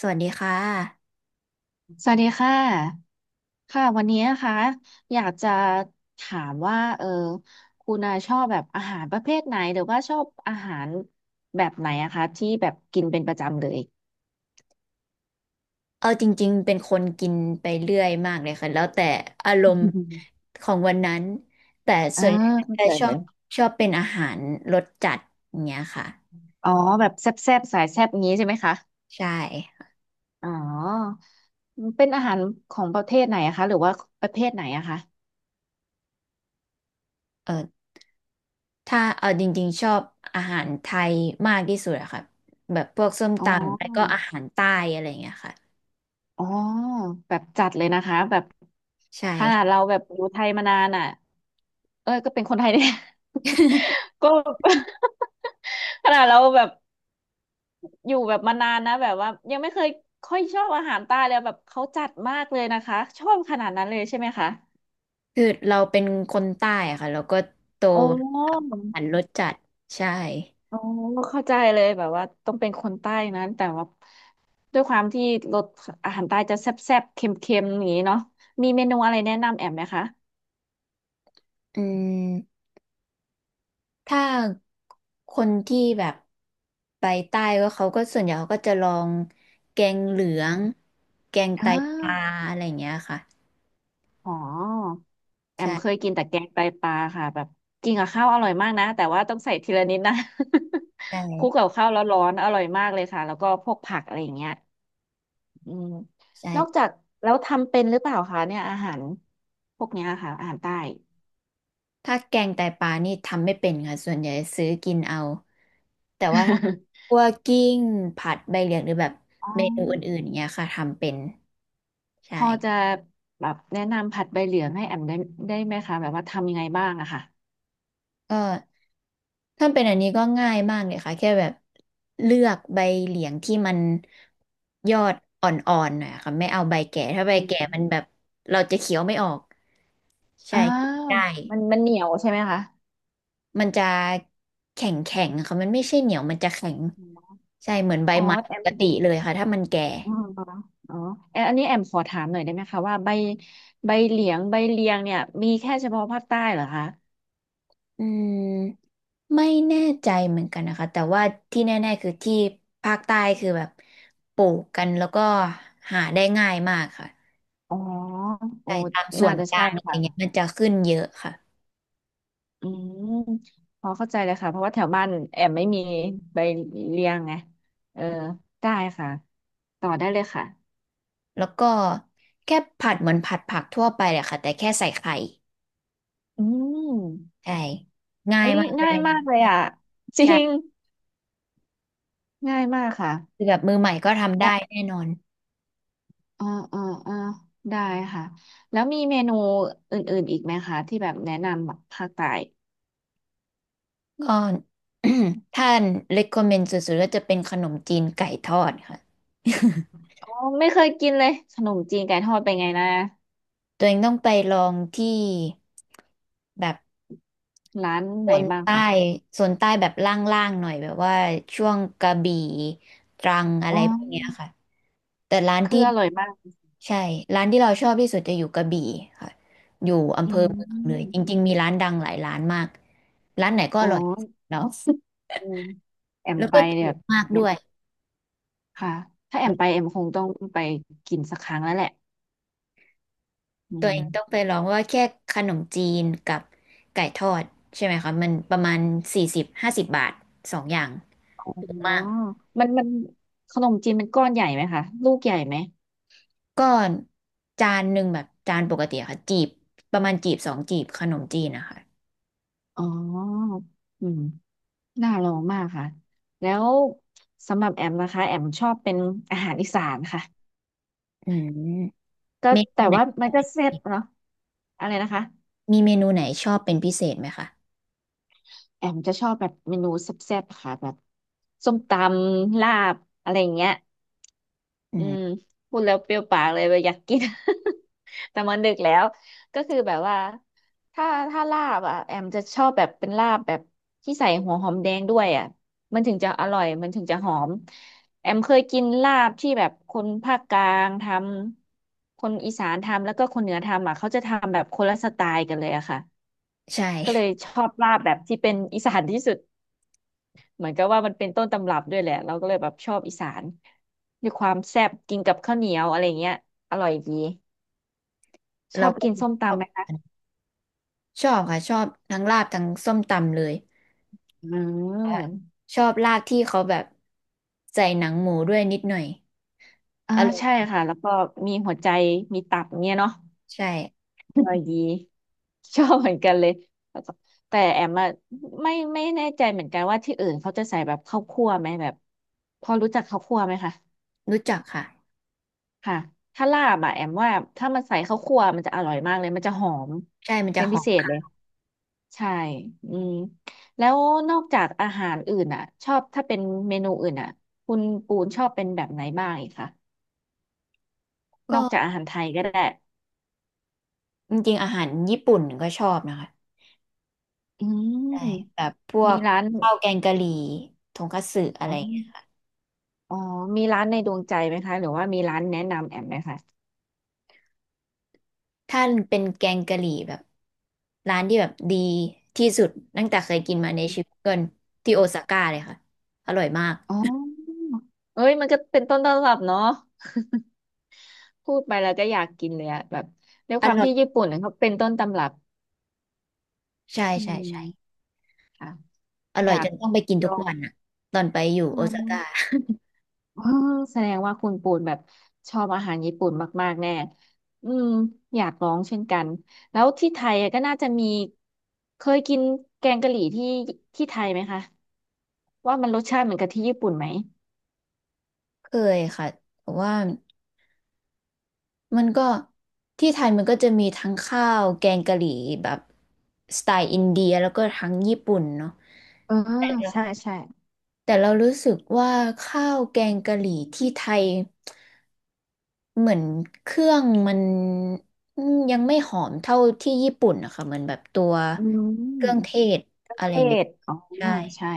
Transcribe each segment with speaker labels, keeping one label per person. Speaker 1: สวัสดีค่ะ
Speaker 2: สวัสดีค่ะค่ะวันนี้นะคะอยากจะถามว่าคุณอาชอบแบบอาหารประเภทไหนหรือว่าชอบอาหารแบบไหนอะคะที่แบบกินเป็นประจำเลย
Speaker 1: เอาจริงๆเป็นคนกินไปเรื่อยมากเลยค่ะแล้วแต่อารมณ์ของวันนั้นแต่
Speaker 2: อ่า
Speaker 1: ส่วนใหญ่
Speaker 2: เข้า
Speaker 1: จะ
Speaker 2: ใจ
Speaker 1: ช
Speaker 2: เล
Speaker 1: อบ
Speaker 2: ย
Speaker 1: ชอบเป็นอาหารรสจัดอย่างเงี้ยค่ะ
Speaker 2: อ๋อแบบแซ่บๆสายแซ่บงี้ใช่ไหมคะ
Speaker 1: ใช่
Speaker 2: อ๋อเป็นอาหารของประเทศไหนอะคะหรือว่าประเภทไหนอะคะ
Speaker 1: เออถ้าเอาจริงๆชอบอาหารไทยมากที่สุดอะค่ะแบบพวกส้ม
Speaker 2: อ๋
Speaker 1: ตำแล้วก็
Speaker 2: อ
Speaker 1: อาหารใต้อะไรอย่างเงี้ยค่ะ
Speaker 2: อ๋อแบบจัดเลยนะคะแบบ
Speaker 1: ใช่
Speaker 2: ขนาดเราแบบอยู่ไทยมานานอ่ะเอ้ยก็เป็นคนไทยเนี่ย ก็ ขนาดเราแบบอยู่แบบมานานนะแบบว่ายังไม่เคยค่อยชอบอาหารใต้เลยแบบเขาจัดมากเลยนะคะชอบขนาดนั้นเลยใช่ไหมคะ
Speaker 1: คือเราเป็นคนใต้อะค่ะเราก็โต
Speaker 2: โอ้
Speaker 1: กับอาหารรสจัดใช่
Speaker 2: โอ้เข้าใจเลยแบบว่าต้องเป็นคนใต้นั้นแต่ว่าด้วยความที่รสอาหารใต้จะแซ่บๆเค็มๆอย่างนี้เนาะมีเมนูอะไรแนะนำแอมไหมคะ
Speaker 1: อืม ถ้าคนที่แบบไปใต้ก็เขาก็ส่วนใหญ่เขาก็จะลองแกงเหลืองแกง
Speaker 2: อ่
Speaker 1: ไตปลา
Speaker 2: า
Speaker 1: อะไรอย่างเงี้ยค่ะ
Speaker 2: อ๋อแอมเคยกินแต่แกงไตปลาค่ะแบบกินกับข้าวอร่อยมากนะแต่ว่าต้องใส่ทีละนิดนะ
Speaker 1: ใช่
Speaker 2: คลุกกับข้าวร้อนๆอร่อยมากเลยค่ะแล้วก็พวกผักอะไรอย่างเงี้ยอืมนอกจา
Speaker 1: ใช่
Speaker 2: กแล้วทำเป็นหรือเปล่าคะเนี่ยอาหารพวกเนี้ยค่ะอาหารใต้
Speaker 1: ถ้าแกงไตปลานี่ทำไม่เป็นค่ะส่วนใหญ่ซื้อกินเอาแต่ว่าถ้า คั่วกิ้งผัดใบเหลียงหรือแบบ
Speaker 2: อ๋อ
Speaker 1: เมนูอื่นๆอย่างเงี้ยค่ะทำเป็น ใช่
Speaker 2: พอจะแบบแนะนำผัดใบเหลืองให้แอมได้ได้ไหมคะแบบว่าทำยังไงบ้างอะค่ะ
Speaker 1: ก็ ถ้าเป็นอันนี้ก็ง่ายมากเลยค่ะแค่แบบเลือกใบเหลียงที่มันยอดอ่อนๆหน่อยค่ะไม่เอาใบแก่ถ้าใบ
Speaker 2: อื
Speaker 1: แก่มัน
Speaker 2: ม
Speaker 1: แบบเราจะเคี้ยวไม่ออกใช่
Speaker 2: อ้า
Speaker 1: กิน
Speaker 2: ว
Speaker 1: ได้
Speaker 2: มันมันเหนียวใช่ไหมคะ
Speaker 1: มันจะแข็งแข็งค่ะมันไม่ใช่เหนียวมันจะแข็งใช่เหมือนใบ
Speaker 2: อ๋อ
Speaker 1: ไม้
Speaker 2: แอ
Speaker 1: ป
Speaker 2: ม
Speaker 1: กติเลยค่ะถ้ามันแก่
Speaker 2: อ๋ออ๋อแอนอันนี้แอมขอถามหน่อยได้ไหมคะว่าใบใบเหลียงใบเลียงเนี่ยมีแค่เฉพาะภาคใต้เหรอคะ
Speaker 1: อืมไม่แน่ใจเหมือนกันนะคะแต่ว่าที่แน่ๆคือที่ภาคใต้คือแบบปลูกกันแล้วก็หาได้ง่ายมากค่ะ
Speaker 2: อ๋อโอ้
Speaker 1: จ่ายตามส่ว
Speaker 2: น่า
Speaker 1: น
Speaker 2: จะ
Speaker 1: ก
Speaker 2: ใช่
Speaker 1: ลางอะไร
Speaker 2: ค่ะ
Speaker 1: เงี้ยมันจะขึ้นเยอะค่ะ
Speaker 2: อืมพอเข้าใจเลยค่ะเพราะว่าแถวบ้านแอมไม่มีใบเลียงไง เออ ได้ค่ะ ต่อได้เลยค่ะ
Speaker 1: แล้วก็แค่ผัดเหมือนผัดผักทั่วไปเลยค่ะแต่แค่ใส่ไข่
Speaker 2: อืม
Speaker 1: ใช่ง่าย
Speaker 2: เฮ้ย
Speaker 1: มากเล
Speaker 2: ง่าย
Speaker 1: ย
Speaker 2: มากเลยอ่ะจริง
Speaker 1: ใช่
Speaker 2: ง่ายมากค่ะ
Speaker 1: คือแบบมือใหม่ก็ทำได้
Speaker 2: แล้ว
Speaker 1: แน่นอน
Speaker 2: เออเออเออได้ค่ะ แล้วมีเมนูอื่นๆอีกไหมคะที่แบบแนะนำแบบภาคใต้
Speaker 1: ก็ ท่าน recommend สุดๆก็จะเป็นขนมจีนไก่ทอดค่ะ
Speaker 2: อ๋อไม่เคยกินเลยขนมจีนไก่ทอดเป็นไงนะ
Speaker 1: ตัวเองต้องไปลองที่แบบ
Speaker 2: ร้าน
Speaker 1: โซ
Speaker 2: ไหน
Speaker 1: น
Speaker 2: บ้าง
Speaker 1: ใต้
Speaker 2: ค่ะ
Speaker 1: โซนใต้แบบล่างๆหน่อยแบบว่าช่วงกระบี่ตรังอะ
Speaker 2: อ๋
Speaker 1: ไร
Speaker 2: อ
Speaker 1: พวกเนี้ยค่ะแต่ร้าน
Speaker 2: คือ
Speaker 1: ที่
Speaker 2: อร่อยมาก
Speaker 1: ใช่ร้านที่เราชอบที่สุดจะอยู่กระบี่ค่ะอยู่อำ
Speaker 2: อื
Speaker 1: เภอเมืองเลยจ
Speaker 2: ม
Speaker 1: ริงๆมีร้านดังหลายร้านมากร้านไหนก็อ
Speaker 2: อ๋อ
Speaker 1: ร่อยเนาะ
Speaker 2: อืมแอม
Speaker 1: แล้ว
Speaker 2: ไป
Speaker 1: ก็
Speaker 2: เนี่
Speaker 1: ถู
Speaker 2: ย
Speaker 1: กมากด้วย
Speaker 2: ค่ะถ้าแอมไปแอมคงต้องไปกินสักครั้งแล้วแหละอื
Speaker 1: ตัวเอ
Speaker 2: ม
Speaker 1: งต้องไปลองว่าแค่ขนมจีนกับไก่ทอดใช่ไหมคะมันประมาณ40-50 บาทสองอย่าง
Speaker 2: อ๋
Speaker 1: ถู
Speaker 2: อ
Speaker 1: กมาก
Speaker 2: มันมันขนมจีนมันก้อนใหญ่ไหมคะลูกใหญ่ไหม
Speaker 1: ก็จานหนึ่งแบบจานปกติอะค่ะจีบประมาณจีบสองจีบขนมจีนนะคะ
Speaker 2: อ๋ออืมน่าลองมากค่ะแล้วสำหรับแอมนะคะแอมชอบเป็นอาหารอีสานค่ะ
Speaker 1: อืม
Speaker 2: ก็
Speaker 1: เมนู
Speaker 2: แต่
Speaker 1: ไหน
Speaker 2: ว่า
Speaker 1: ช
Speaker 2: มั
Speaker 1: อ
Speaker 2: น
Speaker 1: บ
Speaker 2: ก็
Speaker 1: เป็นพิ
Speaker 2: เซ็
Speaker 1: เศ
Speaker 2: ต
Speaker 1: ษ
Speaker 2: เนาะอะไรนะคะ
Speaker 1: มีเมนูไหนชอบเป็นพิเศษไหมคะ
Speaker 2: แอมจะชอบแบบเมนูแซ่บๆค่ะแบบส้มตำลาบอะไรอย่างเงี้ย
Speaker 1: อื
Speaker 2: อื
Speaker 1: ม
Speaker 2: มพูดแล้วเปรี้ยวปากเลยว่าอยากกิน แต่มันดึกแล้วก็คือแบบว่าถ้าถ้าลาบอ่ะแอมจะชอบแบบเป็นลาบแบบที่ใส่หัวหอมแดงด้วยอ่ะมันถึงจะอร่อยมันถึงจะหอมแอมเคยกินลาบที่แบบคนภาคกลางทำคนอีสานทำแล้วก็คนเหนือทำอ่ะเขาจะทำแบบคนละสไตล์กันเลยอะค่ะ
Speaker 1: ใ
Speaker 2: ก็เล
Speaker 1: ช่
Speaker 2: ยชอบลาบแบบที่เป็นอีสานที่สุด เหมือนกับว่ามันเป็นต้นตำรับด้วยแหละเราก็เลยแบบชอบอีสานด้วีความแซ่บกินกับข้าวเหนียวอะไรเงี้ยอร่อยดี ช
Speaker 1: เรา
Speaker 2: อบ
Speaker 1: ก็
Speaker 2: กินส้ม
Speaker 1: ชอ
Speaker 2: ตำ
Speaker 1: บ
Speaker 2: ไหมคะ
Speaker 1: ชอบค่ะชอบทั้งลาบทั้งส้มตำเลย
Speaker 2: อื
Speaker 1: ว่า
Speaker 2: ม
Speaker 1: ชอบลาบที่เขาแบบใส่หนังหมูด้วยนิดหน่อย
Speaker 2: อ่า
Speaker 1: อร่อย
Speaker 2: ใช่ค่ะแล้วก็มีหัวใจมีตับเงี้ยเนาะ
Speaker 1: ใช่
Speaker 2: อร่อยดีชอบเหมือนกันเลยแล้วก็แต่แอมอะไม่แน่ใจเหมือนกันว่าที่อื่นเขาจะใส่แบบข้าวคั่วไหมแบบพอรู้จักข้าวคั่วไหมคะ
Speaker 1: รู้จักค่ะ
Speaker 2: ค่ะถ้าลาบอะแอมว่าถ้ามันใส่ข้าวคั่วมันจะอร่อยมากเลยมันจะหอม
Speaker 1: ใช่มันจะ
Speaker 2: เป็น
Speaker 1: ห
Speaker 2: พิ
Speaker 1: อ
Speaker 2: เศษ
Speaker 1: ม
Speaker 2: เลย ใช่ อืมแล้วนอกจากอาหารอื่นอ่ะชอบถ้าเป็นเมนูอื่นอ่ะคุณปูนชอบเป็นแบบไหนบ้างอีกคะ
Speaker 1: ก็
Speaker 2: นอกจากอาหารไทยก็ได้
Speaker 1: จริงๆอาหารญี่ปุ่นก็ชอบนะคะ
Speaker 2: อื
Speaker 1: ใช่แบ
Speaker 2: ม
Speaker 1: บพว
Speaker 2: มี
Speaker 1: ก
Speaker 2: ร้าน
Speaker 1: ข้าวแกงกะหรี่ทงคัตสึอะไร
Speaker 2: อ๋อ
Speaker 1: เงี้ย
Speaker 2: อ๋อมีร้านในดวงใจไหมคะ หรือว่ามีร้านแนะนำแอมไหมคะ
Speaker 1: ถ้าเป็นแกงกะหรี่แบบร้านที่แบบดีที่สุดตั้งแต่เคยกินมาในชีวิตเกินที่โอซาก้าเลยค่ะอร่อยมาก
Speaker 2: อ๋อเอ้ยมันก็เป็นต้นตำรับเนาะพูดไปแล้วก็อยากกินเลยอะแบบด้วยความที่ญี่ปุ่นเนี่ยเขาเป็นต้นตำรับ
Speaker 1: ใช่
Speaker 2: อื
Speaker 1: ใช่ใช่
Speaker 2: มค่ะ
Speaker 1: อ
Speaker 2: อ
Speaker 1: ร่อย
Speaker 2: ยา
Speaker 1: จ
Speaker 2: ก
Speaker 1: นต้องไปกิน
Speaker 2: ล
Speaker 1: ทุ
Speaker 2: อ
Speaker 1: ก
Speaker 2: ง
Speaker 1: วันอะตอนไปอยู่
Speaker 2: อื
Speaker 1: โอซาก้า
Speaker 2: ม อ๋อแสดงว่าคุณปูนแบบชอบอาหารญี่ปุ่นมากๆแน่อืมอยากลองเช่นกัน แล้วที่ไทยอะก็น่าจะมีเคยกินแกงกะหรี่ที่ที่ไทยไหมคะ ว่ามันรสชาติเหมือนกับที่ญี่ปุ่นไหม
Speaker 1: เคยค่ะแต่ว่ามันก็ที่ไทยมันก็จะมีทั้งข้าวแกงกะหรี่แบบสไตล์อินเดียแล้วก็ทั้งญี่ปุ่นเนาะ
Speaker 2: เออ
Speaker 1: แต่เรา
Speaker 2: ใช่ใช่
Speaker 1: แต่เรารู้สึกว่าข้าวแกงกะหรี่ที่ไทยเหมือนเครื่องมันอืมยังไม่หอมเท่าที่ญี่ปุ่นนะคะเหมือนแบบตัว
Speaker 2: อื
Speaker 1: เครื่อง
Speaker 2: ม
Speaker 1: เทศอะไร
Speaker 2: เท
Speaker 1: อย่างงี้
Speaker 2: ศอ๋อ
Speaker 1: ใช่
Speaker 2: ใช่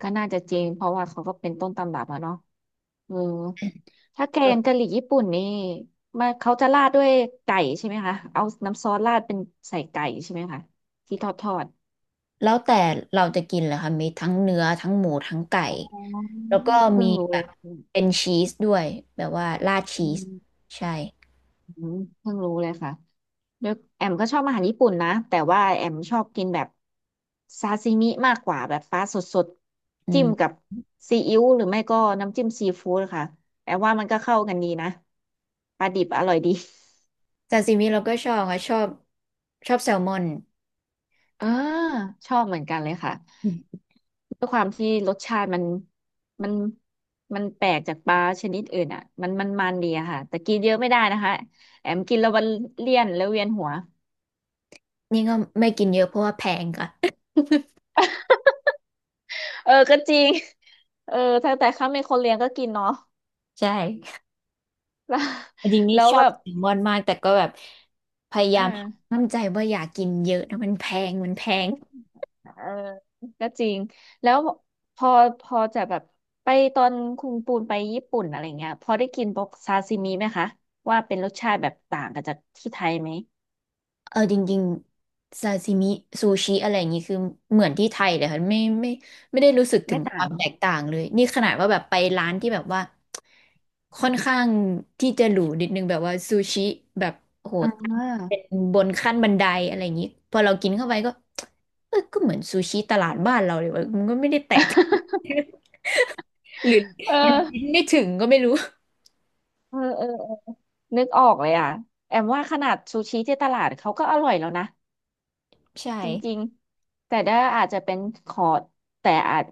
Speaker 2: ก็น่าจะจริงเพราะว่าเขาก็เป็นต้นตำรับอะเนาะ เออถ้าแกงกะหรี่ญี่ปุ่นนี่มาเขาจะราดด้วยไก่ใช่ไหมคะเอาน้ำซอสราดเป็นใส่ไก่ใช่ไหมคะที่ทอดทอด
Speaker 1: แล้วแต่เราจะกินเลยค่ะมีทั้งเนื้อทั้งหมูทั้งไก่
Speaker 2: อ๋อ
Speaker 1: แล้วก็
Speaker 2: เพิ่
Speaker 1: มี
Speaker 2: งรู้
Speaker 1: แบ
Speaker 2: เล
Speaker 1: บ
Speaker 2: ย
Speaker 1: เป็นชีสด้วยแบบว่าราดชี
Speaker 2: อื
Speaker 1: ส
Speaker 2: ม
Speaker 1: ใช่
Speaker 2: อืมเพิ่งรู้เลยค่ะแล้วแอมก็ชอบอาหารญี่ปุ่นนะแต่ว่าแอมชอบกินแบบซาซิมิมากกว่าแบบปลาสด
Speaker 1: อื
Speaker 2: ๆจิ้มกั
Speaker 1: ม
Speaker 2: บซีอิ๊วหรือไม่ก็น้ำจิ้มซีฟู้ดค่ะแอมว่ามันก็เข้ากันดีนะปลาดิบอร่อยดี
Speaker 1: ซาซิมิเราก็ชอบค่ะชอบชอบแซลมอน
Speaker 2: เออชอบเหมือนกันเลยค่ะ
Speaker 1: อืม
Speaker 2: ด้วยความที่รสชาติมันมันแปลกจากปลาชนิดอื่นอ่ะมันดีอะค่ะแต่กินเยอะไม่ได้นะคะแอมกินแล้วมันเลี่ยนแล้วเวียนหัว
Speaker 1: นี่ก็ไม่กินเยอะเพราะว่าแพงค่ะ
Speaker 2: เออก็จริงเออถ้าแต่ข้าเป็นคนเลี้ยงก็กินเนาะ
Speaker 1: ใช่จริงๆ นี่
Speaker 2: แล้วแล้ว
Speaker 1: ชอ
Speaker 2: แบ
Speaker 1: บ
Speaker 2: บ
Speaker 1: แซลมอนมากแต่ก็แบบพยา
Speaker 2: เอ
Speaker 1: ยาม
Speaker 2: อ
Speaker 1: ห้ามใจว่าอย่ากินเยอะนะมันแพงมันแพง
Speaker 2: เออก็จริงแล้วพอพอจะแบบไปตอนคุณปูนไปญี่ปุ่นอะไรเงี้ยพอได้กินพวกซาซิมิไหมคะว่าเป็นรสชาติแบบต่างกับจากที่ไทยไหม
Speaker 1: จริงๆซาซิมิซูชิอะไรอย่างนี้คือเหมือนที่ไทยเลยค่ะไม่ได้รู้สึกถึ
Speaker 2: ไม่
Speaker 1: งค
Speaker 2: ต่า
Speaker 1: วา
Speaker 2: ง
Speaker 1: มแตกต่างเลยนี่ขนาดว่าแบบไปร้านที่แบบว่าค่อนข้างที่จะหรูนิดนึงแบบว่าซูชิแบบโห
Speaker 2: อ่
Speaker 1: ตั้งเป็
Speaker 2: า
Speaker 1: นบนขั้นบันไดอะไรอย่างนี้พอเรากินเข้าไปก็เออก็เหมือนซูชิตลาดบ้านเราเลยวะมันก็ไม่ได้แตก หรือ
Speaker 2: เอ
Speaker 1: หรือลิน
Speaker 2: อ
Speaker 1: ไม่ถึงก็ไม่รู้
Speaker 2: เออเออเออนึกออกเลยอ่ะแอมว่าขนาดซูชิที่ตลาดเขาก็อร่อยแล้วนะ
Speaker 1: ใช่
Speaker 2: จริงๆแต่ด้าอาจจะเป็นคอร์สแต่อาจ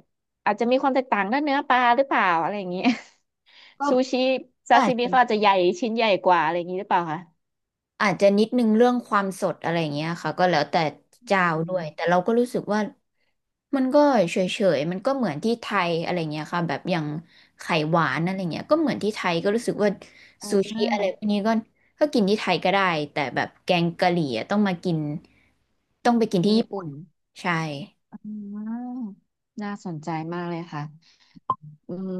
Speaker 2: อาจจะมีความแตกต่างด้านเนื้อปลาหรือเปล่าอะไรอย่างเงี้ย
Speaker 1: ก็
Speaker 2: ซูชิซา
Speaker 1: ก็
Speaker 2: ซิ
Speaker 1: อาจ
Speaker 2: มิ
Speaker 1: จะ
Speaker 2: เขาอาจจะใหญ่ชิ้นใหญ่กว่าอะไรอย่างงี้หรือเปล่าคะ
Speaker 1: อาจจะนิดนึงเรื่องความสดอะไรอย่างเงี้ยค่ะก็แล้วแต่เจ้า
Speaker 2: อื
Speaker 1: ด้วยแต่
Speaker 2: ม
Speaker 1: เราก็รู้สึกว่ามันก็เฉยๆมันก็เหมือนที่ไทยอะไรเงี้ยค่ะแบบอย่างไข่หวานอะไรเงี้ยก็เหมือนที่ไทยก็รู้สึกว่า
Speaker 2: อ่
Speaker 1: ซูชิอะไร
Speaker 2: า
Speaker 1: พวกนี้ก็กินที่ไทยก็ได้แต่แบบแกงกะหรี่อะต้องมากินต้องไปกิน
Speaker 2: ที่
Speaker 1: ที่
Speaker 2: ญี่
Speaker 1: ญี่ปุ่
Speaker 2: ปุ่
Speaker 1: น
Speaker 2: น
Speaker 1: ใช่
Speaker 2: อ่าน่าสนใจมากเลยค่ะอืม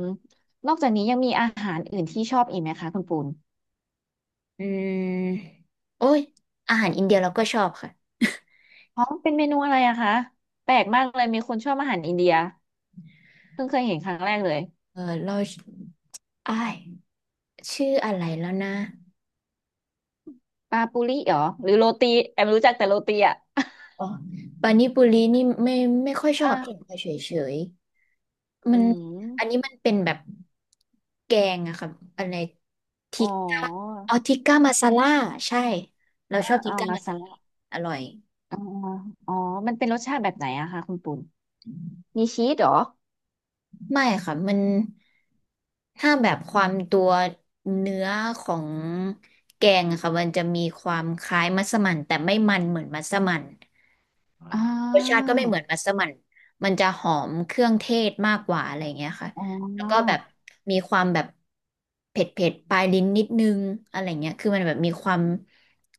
Speaker 2: นอกจากนี้ยังมีอาหารอื่นที่ชอบอีกไหมคะคุณปูน
Speaker 1: อืมโอ้ยอาหารอินเดียเราก็ชอบค่ะ
Speaker 2: อ๋อเป็นเมนูอะไรอะคะแปลกมากเลยมีคนชอบอาหารอินเดีย เพิ่งเคยเห็นครั้งแรกเลย
Speaker 1: เออเราอ้ายชื่ออะไรแล้วนะ
Speaker 2: ปาปูริเหรอหรือโรตีแอมรู้จักแต่โรตีอ่ะ
Speaker 1: อ๋อปานิปุรีนี่ไม่ค่อยช
Speaker 2: เอ
Speaker 1: อ
Speaker 2: อ
Speaker 1: บกินเฉยเฉยๆมั
Speaker 2: อื
Speaker 1: นอันนี้
Speaker 2: ม
Speaker 1: มันเป็นแบบแกงอะครับอะไร
Speaker 2: อ๋
Speaker 1: ทิ
Speaker 2: อ
Speaker 1: กก้าอ๋อทิกก้ามาซาล่าใช่เรา
Speaker 2: อ่า
Speaker 1: ชอบทิ
Speaker 2: อ่า
Speaker 1: กก้า
Speaker 2: มา
Speaker 1: มาซา
Speaker 2: ซา
Speaker 1: ล่า
Speaker 2: ระ
Speaker 1: อร่อย
Speaker 2: อ่าออ๋อมันเป็นรสชาติแบบไหนอะคะคุณปุ่นมีชีสเหรอ
Speaker 1: ไม่ค่ะมันถ้าแบบความตัวเนื้อของแกงอะค่ะมันจะมีความคล้ายมัสมั่นแต่ไม่มันเหมือนมัสมั่น
Speaker 2: อ่
Speaker 1: รสชาติ
Speaker 2: า
Speaker 1: ก็ไม่เหมือนมัสมั่นมันจะหอมเครื่องเทศมากกว่าอะไรเงี้ยค่ะ
Speaker 2: อ๋
Speaker 1: แล้วก็
Speaker 2: อ
Speaker 1: แบบมีความแบบเผ็ดเผ็ดปลายลิ้นนิดนึงอะไรเงี้ยคือมันแบบมีความ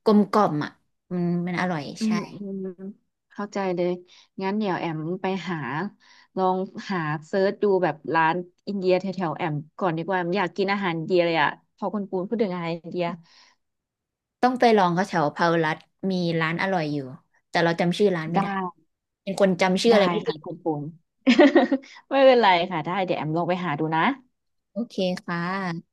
Speaker 1: กลมกล่อมอ่ะมันอร่อย
Speaker 2: อื
Speaker 1: ใช่
Speaker 2: มอืมเข้าใจเลยงั้นเดี๋ยวแอมไปหาลองหาเซิร์ชดูแบบร้านอินเดียแถวๆแอมก่อนดีกว่าแอมอยากกินอาหารอินเดียเลยอะพอคุณปูนพูดถึงอาหารอินเดีย
Speaker 1: ต้องไปลองเขาแถวพารัตมีร้านอร่อยอยู่ แต่เราจำชื่อร้านไม่
Speaker 2: ได้
Speaker 1: ได้เป็นคนจำชื่อ
Speaker 2: ได้
Speaker 1: อะไรไม่ได้
Speaker 2: ค่ะคุณปุ่น ไม่เป็นไรค่ะได้เดี๋ยวแอมลองไปหาดูนะ
Speaker 1: โอเคค่ะ